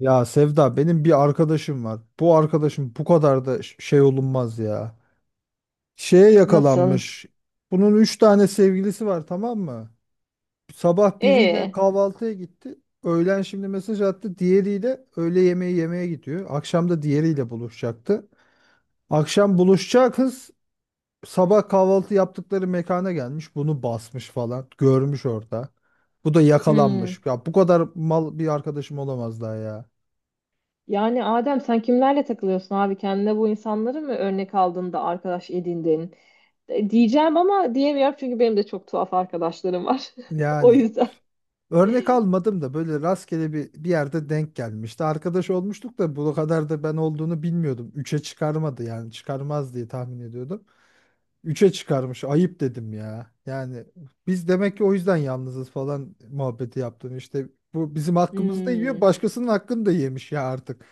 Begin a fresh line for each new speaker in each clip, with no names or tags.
Ya Sevda benim bir arkadaşım var. Bu arkadaşım bu kadar da şey olunmaz ya. Şeye
Nasıl?
yakalanmış. Bunun üç tane sevgilisi var, tamam mı? Sabah biriyle
Ee,
kahvaltıya gitti. Öğlen şimdi mesaj attı. Diğeriyle öğle yemeği yemeye gidiyor. Akşam da diğeriyle buluşacaktı. Akşam buluşacağı kız sabah kahvaltı yaptıkları mekana gelmiş. Bunu basmış falan. Görmüş orada. Bu da
hmm.
yakalanmış. Ya bu kadar mal bir arkadaşım olamaz daha ya.
Yani Adem sen kimlerle takılıyorsun abi? Kendine bu insanları mı örnek aldın da arkadaş edindin? Diyeceğim ama diyemiyorum çünkü benim de çok tuhaf arkadaşlarım var. O
Yani
yüzden.
örnek almadım da böyle rastgele bir yerde denk gelmişti. Arkadaş olmuştuk da bu kadar da ben olduğunu bilmiyordum. Üçe çıkarmadı, yani çıkarmaz diye tahmin ediyordum. Üçe çıkarmış, ayıp dedim ya. Yani biz demek ki o yüzden yalnızız falan muhabbeti yaptım. İşte bu bizim hakkımızı da yiyor,
Hmm.
başkasının hakkını da yemiş ya artık.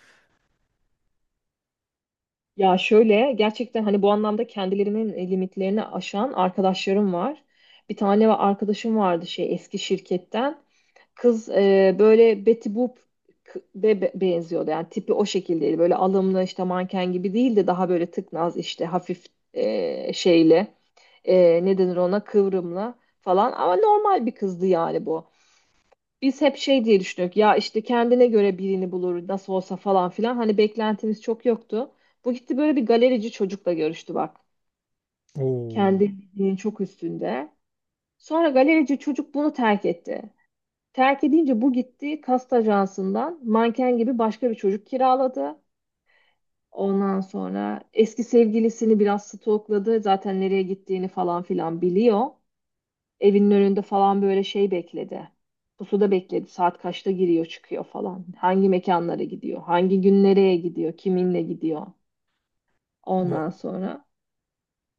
Ya şöyle gerçekten hani bu anlamda kendilerinin limitlerini aşan arkadaşlarım var. Arkadaşım vardı şey eski şirketten. Kız böyle Betty Boop benziyordu. Yani tipi o şekildeydi. Böyle alımlı işte manken gibi değil de daha böyle tıknaz işte hafif şeyle ne denir ona kıvrımlı falan. Ama normal bir kızdı yani bu. Biz hep şey diye düşündük ya işte kendine göre birini bulur nasıl olsa falan filan hani beklentimiz çok yoktu. Bu gitti böyle bir galerici çocukla görüştü bak.
Oo.
Kendi bildiğinin çok üstünde. Sonra galerici çocuk bunu terk etti. Terk edince bu gitti kast ajansından manken gibi başka bir çocuk kiraladı. Ondan sonra eski sevgilisini biraz stalkladı zaten nereye gittiğini falan filan biliyor. Evinin önünde falan böyle şey bekledi. Pusuda bekledi. Saat kaçta giriyor çıkıyor falan. Hangi mekanlara gidiyor? Hangi gün nereye gidiyor? Kiminle gidiyor?
va-
Ondan sonra.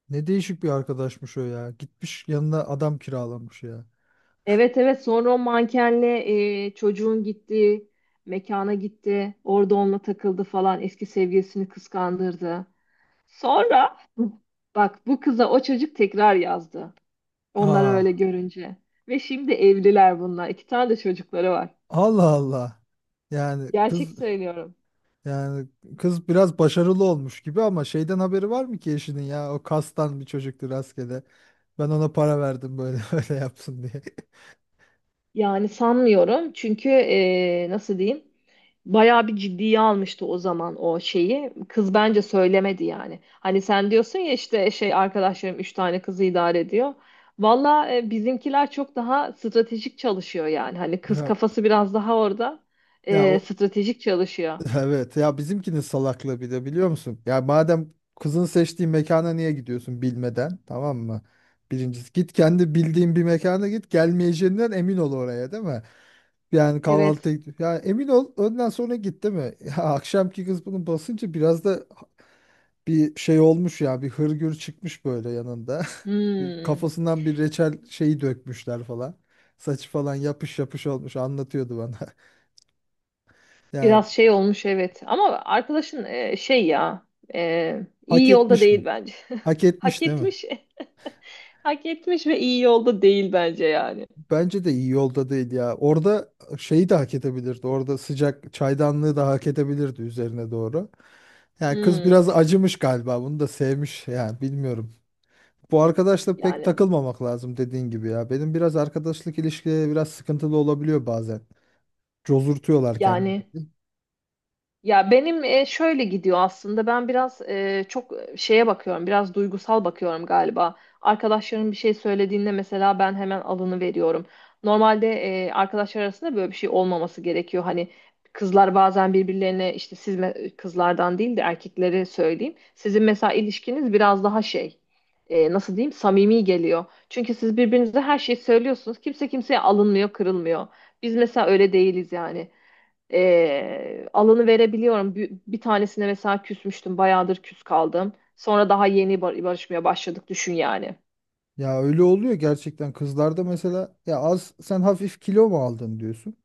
Ne değişik bir arkadaşmış o ya. Gitmiş yanına adam kiralamış ya.
Evet, evet, sonra o mankenle çocuğun gittiği mekana gitti. Orada onunla takıldı falan. Eski sevgilisini kıskandırdı. Sonra bak bu kıza o çocuk tekrar yazdı. Onları öyle
Aa.
görünce. Ve şimdi evliler bunlar. İki tane de çocukları var.
Allah Allah. Yani
Gerçek
kız
söylüyorum.
Yani kız biraz başarılı olmuş gibi ama şeyden haberi var mı ki eşinin ya? O kastan bir çocuktu rastgele. Ben ona para verdim böyle öyle yapsın diye.
Yani sanmıyorum çünkü nasıl diyeyim bayağı bir ciddiye almıştı o zaman o şeyi. Kız bence söylemedi yani. Hani sen diyorsun ya işte şey arkadaşlarım üç tane kızı idare ediyor. Valla bizimkiler çok daha stratejik çalışıyor yani. Hani kız
Ya,
kafası biraz daha orada
ya o
stratejik çalışıyor.
evet ya, bizimkinin salaklığı bir de biliyor musun? Ya madem kızın seçtiği mekana niye gidiyorsun bilmeden, tamam mı? Birincisi git kendi bildiğin bir mekana, git gelmeyeceğinden emin ol oraya, değil mi? Yani
Evet.
kahvaltı, ya emin ol önden sonra git, değil mi? Ya akşamki kız bunu basınca biraz da bir şey olmuş ya, bir hırgür çıkmış böyle yanında.
Hmm.
Kafasından bir reçel şeyi dökmüşler falan. Saçı falan yapış yapış olmuş, anlatıyordu bana. Ya
Biraz şey olmuş, evet. Ama arkadaşın e,
hak
iyi yolda
etmiş mi?
değil bence.
Hak
Hak
etmiş değil mi?
etmiş. Hak etmiş ve iyi yolda değil bence yani.
Bence de iyi yolda değil ya. Orada şeyi de hak edebilirdi. Orada sıcak çaydanlığı da hak edebilirdi üzerine doğru. Yani kız
Hmm,
biraz acımış galiba. Bunu da sevmiş, yani bilmiyorum. Bu arkadaşla pek
yani
takılmamak lazım, dediğin gibi ya. Benim biraz arkadaşlık ilişkileri biraz sıkıntılı olabiliyor bazen. Cozurtuyorlar
yani
kendilerini.
ya benim şöyle gidiyor aslında. Ben biraz şeye bakıyorum. Biraz duygusal bakıyorum galiba. Arkadaşlarım bir şey söylediğinde mesela ben hemen alını veriyorum. Normalde arkadaşlar arasında böyle bir şey olmaması gerekiyor. Hani kızlar bazen birbirlerine işte siz kızlardan değil de erkeklere söyleyeyim. Sizin mesela ilişkiniz biraz daha şey nasıl diyeyim samimi geliyor. Çünkü siz birbirinize her şeyi söylüyorsunuz. Kimse kimseye alınmıyor, kırılmıyor. Biz mesela öyle değiliz yani alanı verebiliyorum. Bir tanesine mesela küsmüştüm. Bayağıdır küs kaldım. Sonra daha yeni barışmaya başladık düşün yani.
Ya öyle oluyor gerçekten kızlarda, mesela ya az sen hafif kilo mu aldın diyorsun.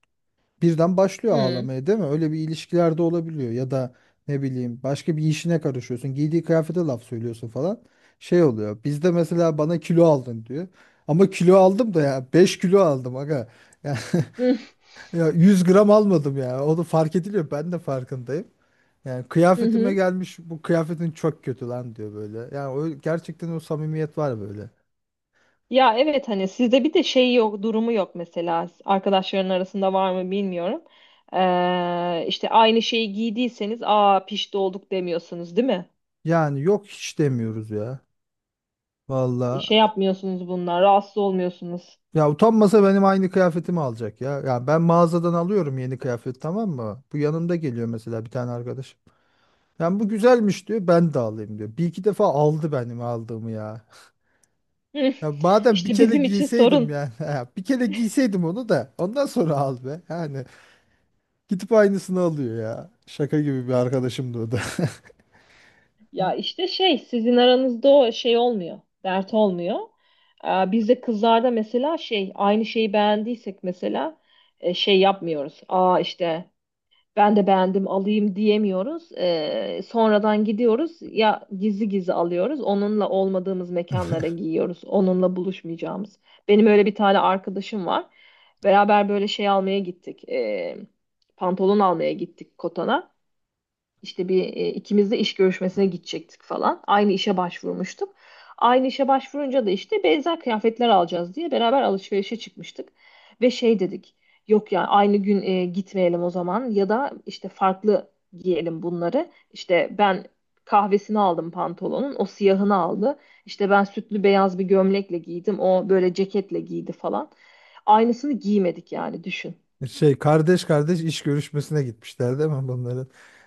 Birden başlıyor
Hı.
ağlamaya, değil mi? Öyle bir ilişkilerde olabiliyor, ya da ne bileyim başka bir işine karışıyorsun. Giydiği kıyafete laf söylüyorsun falan. Şey oluyor. Bizde mesela bana kilo aldın diyor. Ama kilo aldım da ya, 5 kilo aldım aga. Ya,
Hı
ya 100 gram almadım ya. Onu fark ediliyor. Ben de farkındayım. Yani
hı.
kıyafetime
Hı.
gelmiş, bu kıyafetin çok kötü lan diyor böyle. Yani o gerçekten o samimiyet var böyle.
Ya evet hani sizde bir de şey yok, durumu yok mesela. Arkadaşların arasında var mı bilmiyorum. İşte aynı şeyi giydiyseniz aa pişti olduk demiyorsunuz değil mi?
Yani yok, hiç demiyoruz ya.
E,
Valla.
Şey yapmıyorsunuz bunlar, rahatsız olmuyorsunuz.
Ya utanmasa benim aynı kıyafetimi alacak ya. Yani ben mağazadan alıyorum yeni kıyafet, tamam mı? Bu yanımda geliyor mesela bir tane arkadaş. Yani bu güzelmiş diyor, ben de alayım diyor. Bir iki defa aldı benim aldığımı ya.
Hı.
Ya madem bir
İşte
kere
bizim için
giyseydim
sorun.
yani. Ya bir kere giyseydim onu da ondan sonra al be. Yani gidip aynısını alıyor ya. Şaka gibi bir arkadaşımdı o da.
Ya işte şey sizin aranızda o şey olmuyor. Dert olmuyor. Bizde kızlarda mesela şey aynı şeyi beğendiysek mesela şey yapmıyoruz. Aa işte ben de beğendim alayım diyemiyoruz. Sonradan gidiyoruz ya gizli gizli alıyoruz. Onunla olmadığımız mekanlara giyiyoruz. Onunla buluşmayacağımız. Benim öyle bir tane arkadaşım var. Beraber böyle şey almaya gittik. Pantolon almaya gittik Kotan'a. İşte bir ikimiz de iş görüşmesine gidecektik falan. Aynı işe başvurmuştuk. Aynı işe başvurunca da işte benzer kıyafetler alacağız diye beraber alışverişe çıkmıştık. Ve şey dedik. Yok ya aynı gün gitmeyelim o zaman ya da işte farklı giyelim bunları. İşte ben kahvesini aldım pantolonun, o siyahını aldı. İşte ben sütlü beyaz bir gömlekle giydim, o böyle ceketle giydi falan. Aynısını giymedik yani düşün.
Şey kardeş kardeş iş görüşmesine gitmişler değil mi bunların?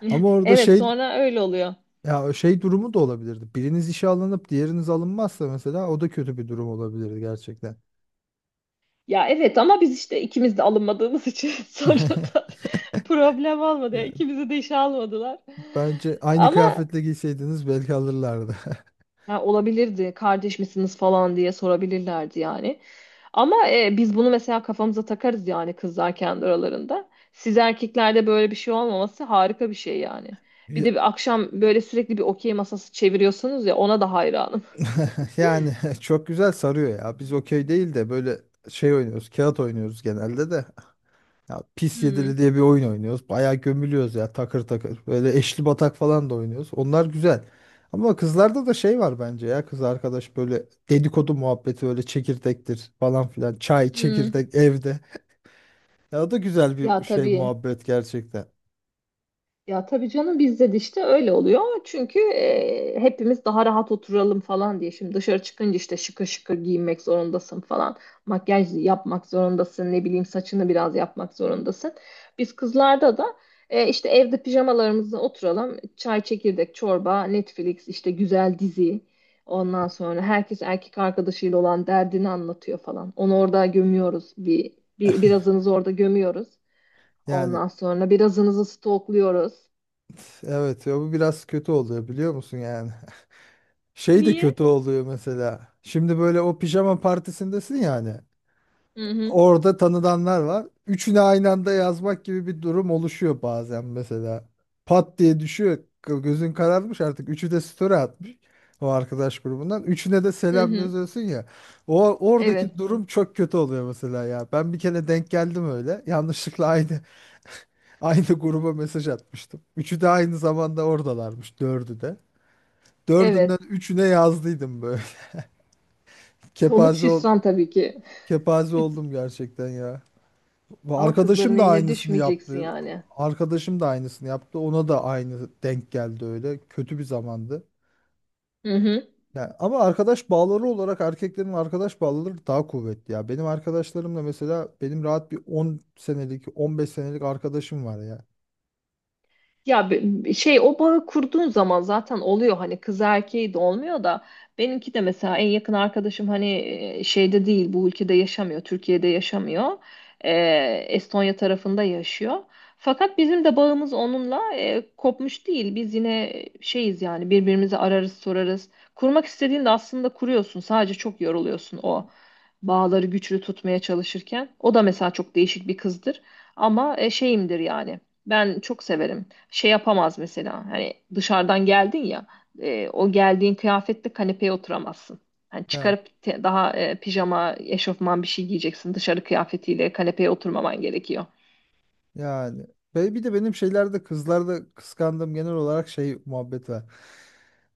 Ama orada
Evet,
şey,
sonra öyle oluyor.
ya şey durumu da olabilirdi. Biriniz işe alınıp diğeriniz alınmazsa mesela, o da kötü bir durum olabilirdi gerçekten.
Ya evet ama biz işte ikimiz de alınmadığımız için sonradan problem olmadı. Yani
Yani
ikimizi de işe almadılar.
bence aynı
Ama
kıyafetle giyseydiniz belki alırlardı.
ha, olabilirdi kardeş misiniz falan diye sorabilirlerdi yani. Ama biz bunu mesela kafamıza takarız yani kızlar kendi aralarında. Siz erkeklerde böyle bir şey olmaması harika bir şey yani. Bir
Ya-
de bir akşam böyle sürekli bir okey masası çeviriyorsunuz ya ona da hayranım.
Yani, çok güzel sarıyor ya. Biz okey değil de böyle şey oynuyoruz, kağıt oynuyoruz genelde de. Ya pis
Hmm,
yedili diye bir oyun oynuyoruz. Bayağı gömülüyoruz ya, takır takır. Böyle eşli batak falan da oynuyoruz. Onlar güzel. Ama kızlarda da şey var bence ya, kız arkadaş böyle dedikodu muhabbeti, öyle çekirdektir falan filan. Çay,
hmm.
çekirdek evde. Ya o da güzel bir
Ya
şey,
tabii.
muhabbet gerçekten.
Ya tabii canım bizde de işte öyle oluyor. Çünkü hepimiz daha rahat oturalım falan diye. Şimdi dışarı çıkınca işte şıkır şıkır giyinmek zorundasın falan. Makyaj yapmak zorundasın. Ne bileyim saçını biraz yapmak zorundasın. Biz kızlarda da işte evde pijamalarımızla oturalım. Çay, çekirdek, çorba, Netflix, işte güzel dizi. Ondan sonra herkes erkek arkadaşıyla olan derdini anlatıyor falan. Onu orada gömüyoruz. Bir birazınızı orada gömüyoruz.
Yani
Ondan sonra birazınızı stokluyoruz.
evet ya, bu biraz kötü oluyor biliyor musun yani. Şey de
Niye?
kötü oluyor mesela. Şimdi böyle o pijama partisindesin yani.
Hı hı.
Orada tanıdanlar var. Üçünü aynı anda yazmak gibi bir durum oluşuyor bazen mesela. Pat diye düşüyor. Gözün kararmış artık. Üçü de story atmış o arkadaş grubundan. Üçüne de
Hı
selam
hı.
yazıyorsun ya. O oradaki
Evet.
durum çok kötü oluyor mesela ya. Ben bir kere denk geldim öyle. Yanlışlıkla aynı aynı gruba mesaj atmıştım. Üçü de aynı zamanda oradalarmış. Dördü de. Dördünden
Evet.
üçüne yazdıydım böyle.
Sonuç
Kepaze ol,
hüsran tabii ki.
kepaze oldum gerçekten ya. Bu
Ama
arkadaşım
kızların
da
eline
aynısını
düşmeyeceksin
yaptı.
yani.
Ona da aynı denk geldi öyle. Kötü bir zamandı.
Hı hı.
Yani ama arkadaş bağları olarak erkeklerin arkadaş bağları daha kuvvetli ya. Benim arkadaşlarımla mesela benim rahat bir 10 senelik, 15 senelik arkadaşım var ya.
Ya şey o bağı kurduğun zaman zaten oluyor hani kız erkeği de olmuyor da benimki de mesela en yakın arkadaşım hani şeyde değil bu ülkede yaşamıyor, Türkiye'de yaşamıyor. E, Estonya tarafında yaşıyor fakat bizim de bağımız onunla kopmuş değil, biz yine şeyiz yani birbirimizi ararız sorarız. Kurmak istediğinde aslında kuruyorsun, sadece çok yoruluyorsun o bağları güçlü tutmaya çalışırken. O da mesela çok değişik bir kızdır ama şeyimdir yani, ben çok severim. Şey yapamaz mesela. Hani dışarıdan geldin ya o geldiğin kıyafetle kanepeye oturamazsın. Hani
Ya
çıkarıp pijama, eşofman bir şey giyeceksin. Dışarı kıyafetiyle kanepeye oturmaman gerekiyor.
yani ve bir de benim şeylerde, kızlarda kıskandığım genel olarak şey muhabbet var.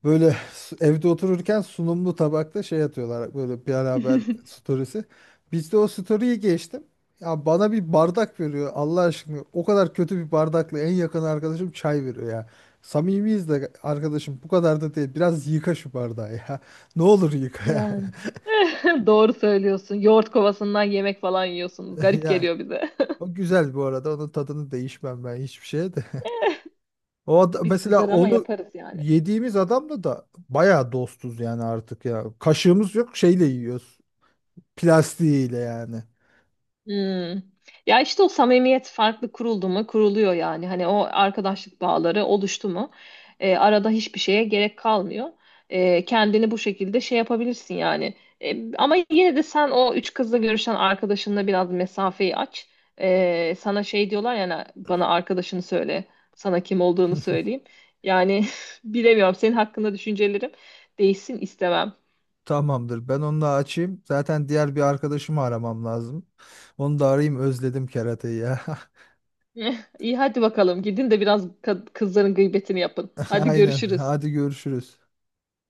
Böyle evde otururken sunumlu tabakta şey atıyorlar, böyle bir haber storiesi. Biz de o story'i geçtim. Ya bana bir bardak veriyor Allah aşkına. O kadar kötü bir bardakla en yakın arkadaşım çay veriyor ya. Samimiyiz de arkadaşım, bu kadar da değil. Biraz yıka şu bardağı ya. Ne olur yıka yani.
Yani Doğru söylüyorsun. Yoğurt kovasından yemek falan yiyorsunuz. Garip
Ya
geliyor bize.
o güzel bu arada. Onun tadını değişmem ben hiçbir şeye de.
Biz
Mesela
kızar ama
onu
yaparız yani.
yediğimiz adamla da bayağı dostuz yani artık ya. Kaşığımız yok, şeyle yiyoruz. Plastiğiyle yani.
Hmm. Ya işte o samimiyet farklı kuruldu mu kuruluyor yani. Hani o arkadaşlık bağları oluştu mu arada hiçbir şeye gerek kalmıyor. Kendini bu şekilde şey yapabilirsin yani. Ama yine de sen o üç kızla görüşen arkadaşınla biraz mesafeyi aç. Sana şey diyorlar yani, bana arkadaşını söyle. Sana kim olduğunu söyleyeyim. Yani bilemiyorum, senin hakkında düşüncelerim değişsin istemem.
Tamamdır. Ben onu da açayım. Zaten diğer bir arkadaşımı aramam lazım. Onu da arayayım. Özledim kerateyi ya.
İyi, hadi bakalım gidin de biraz kızların gıybetini yapın. Hadi
Aynen.
görüşürüz.
Hadi görüşürüz.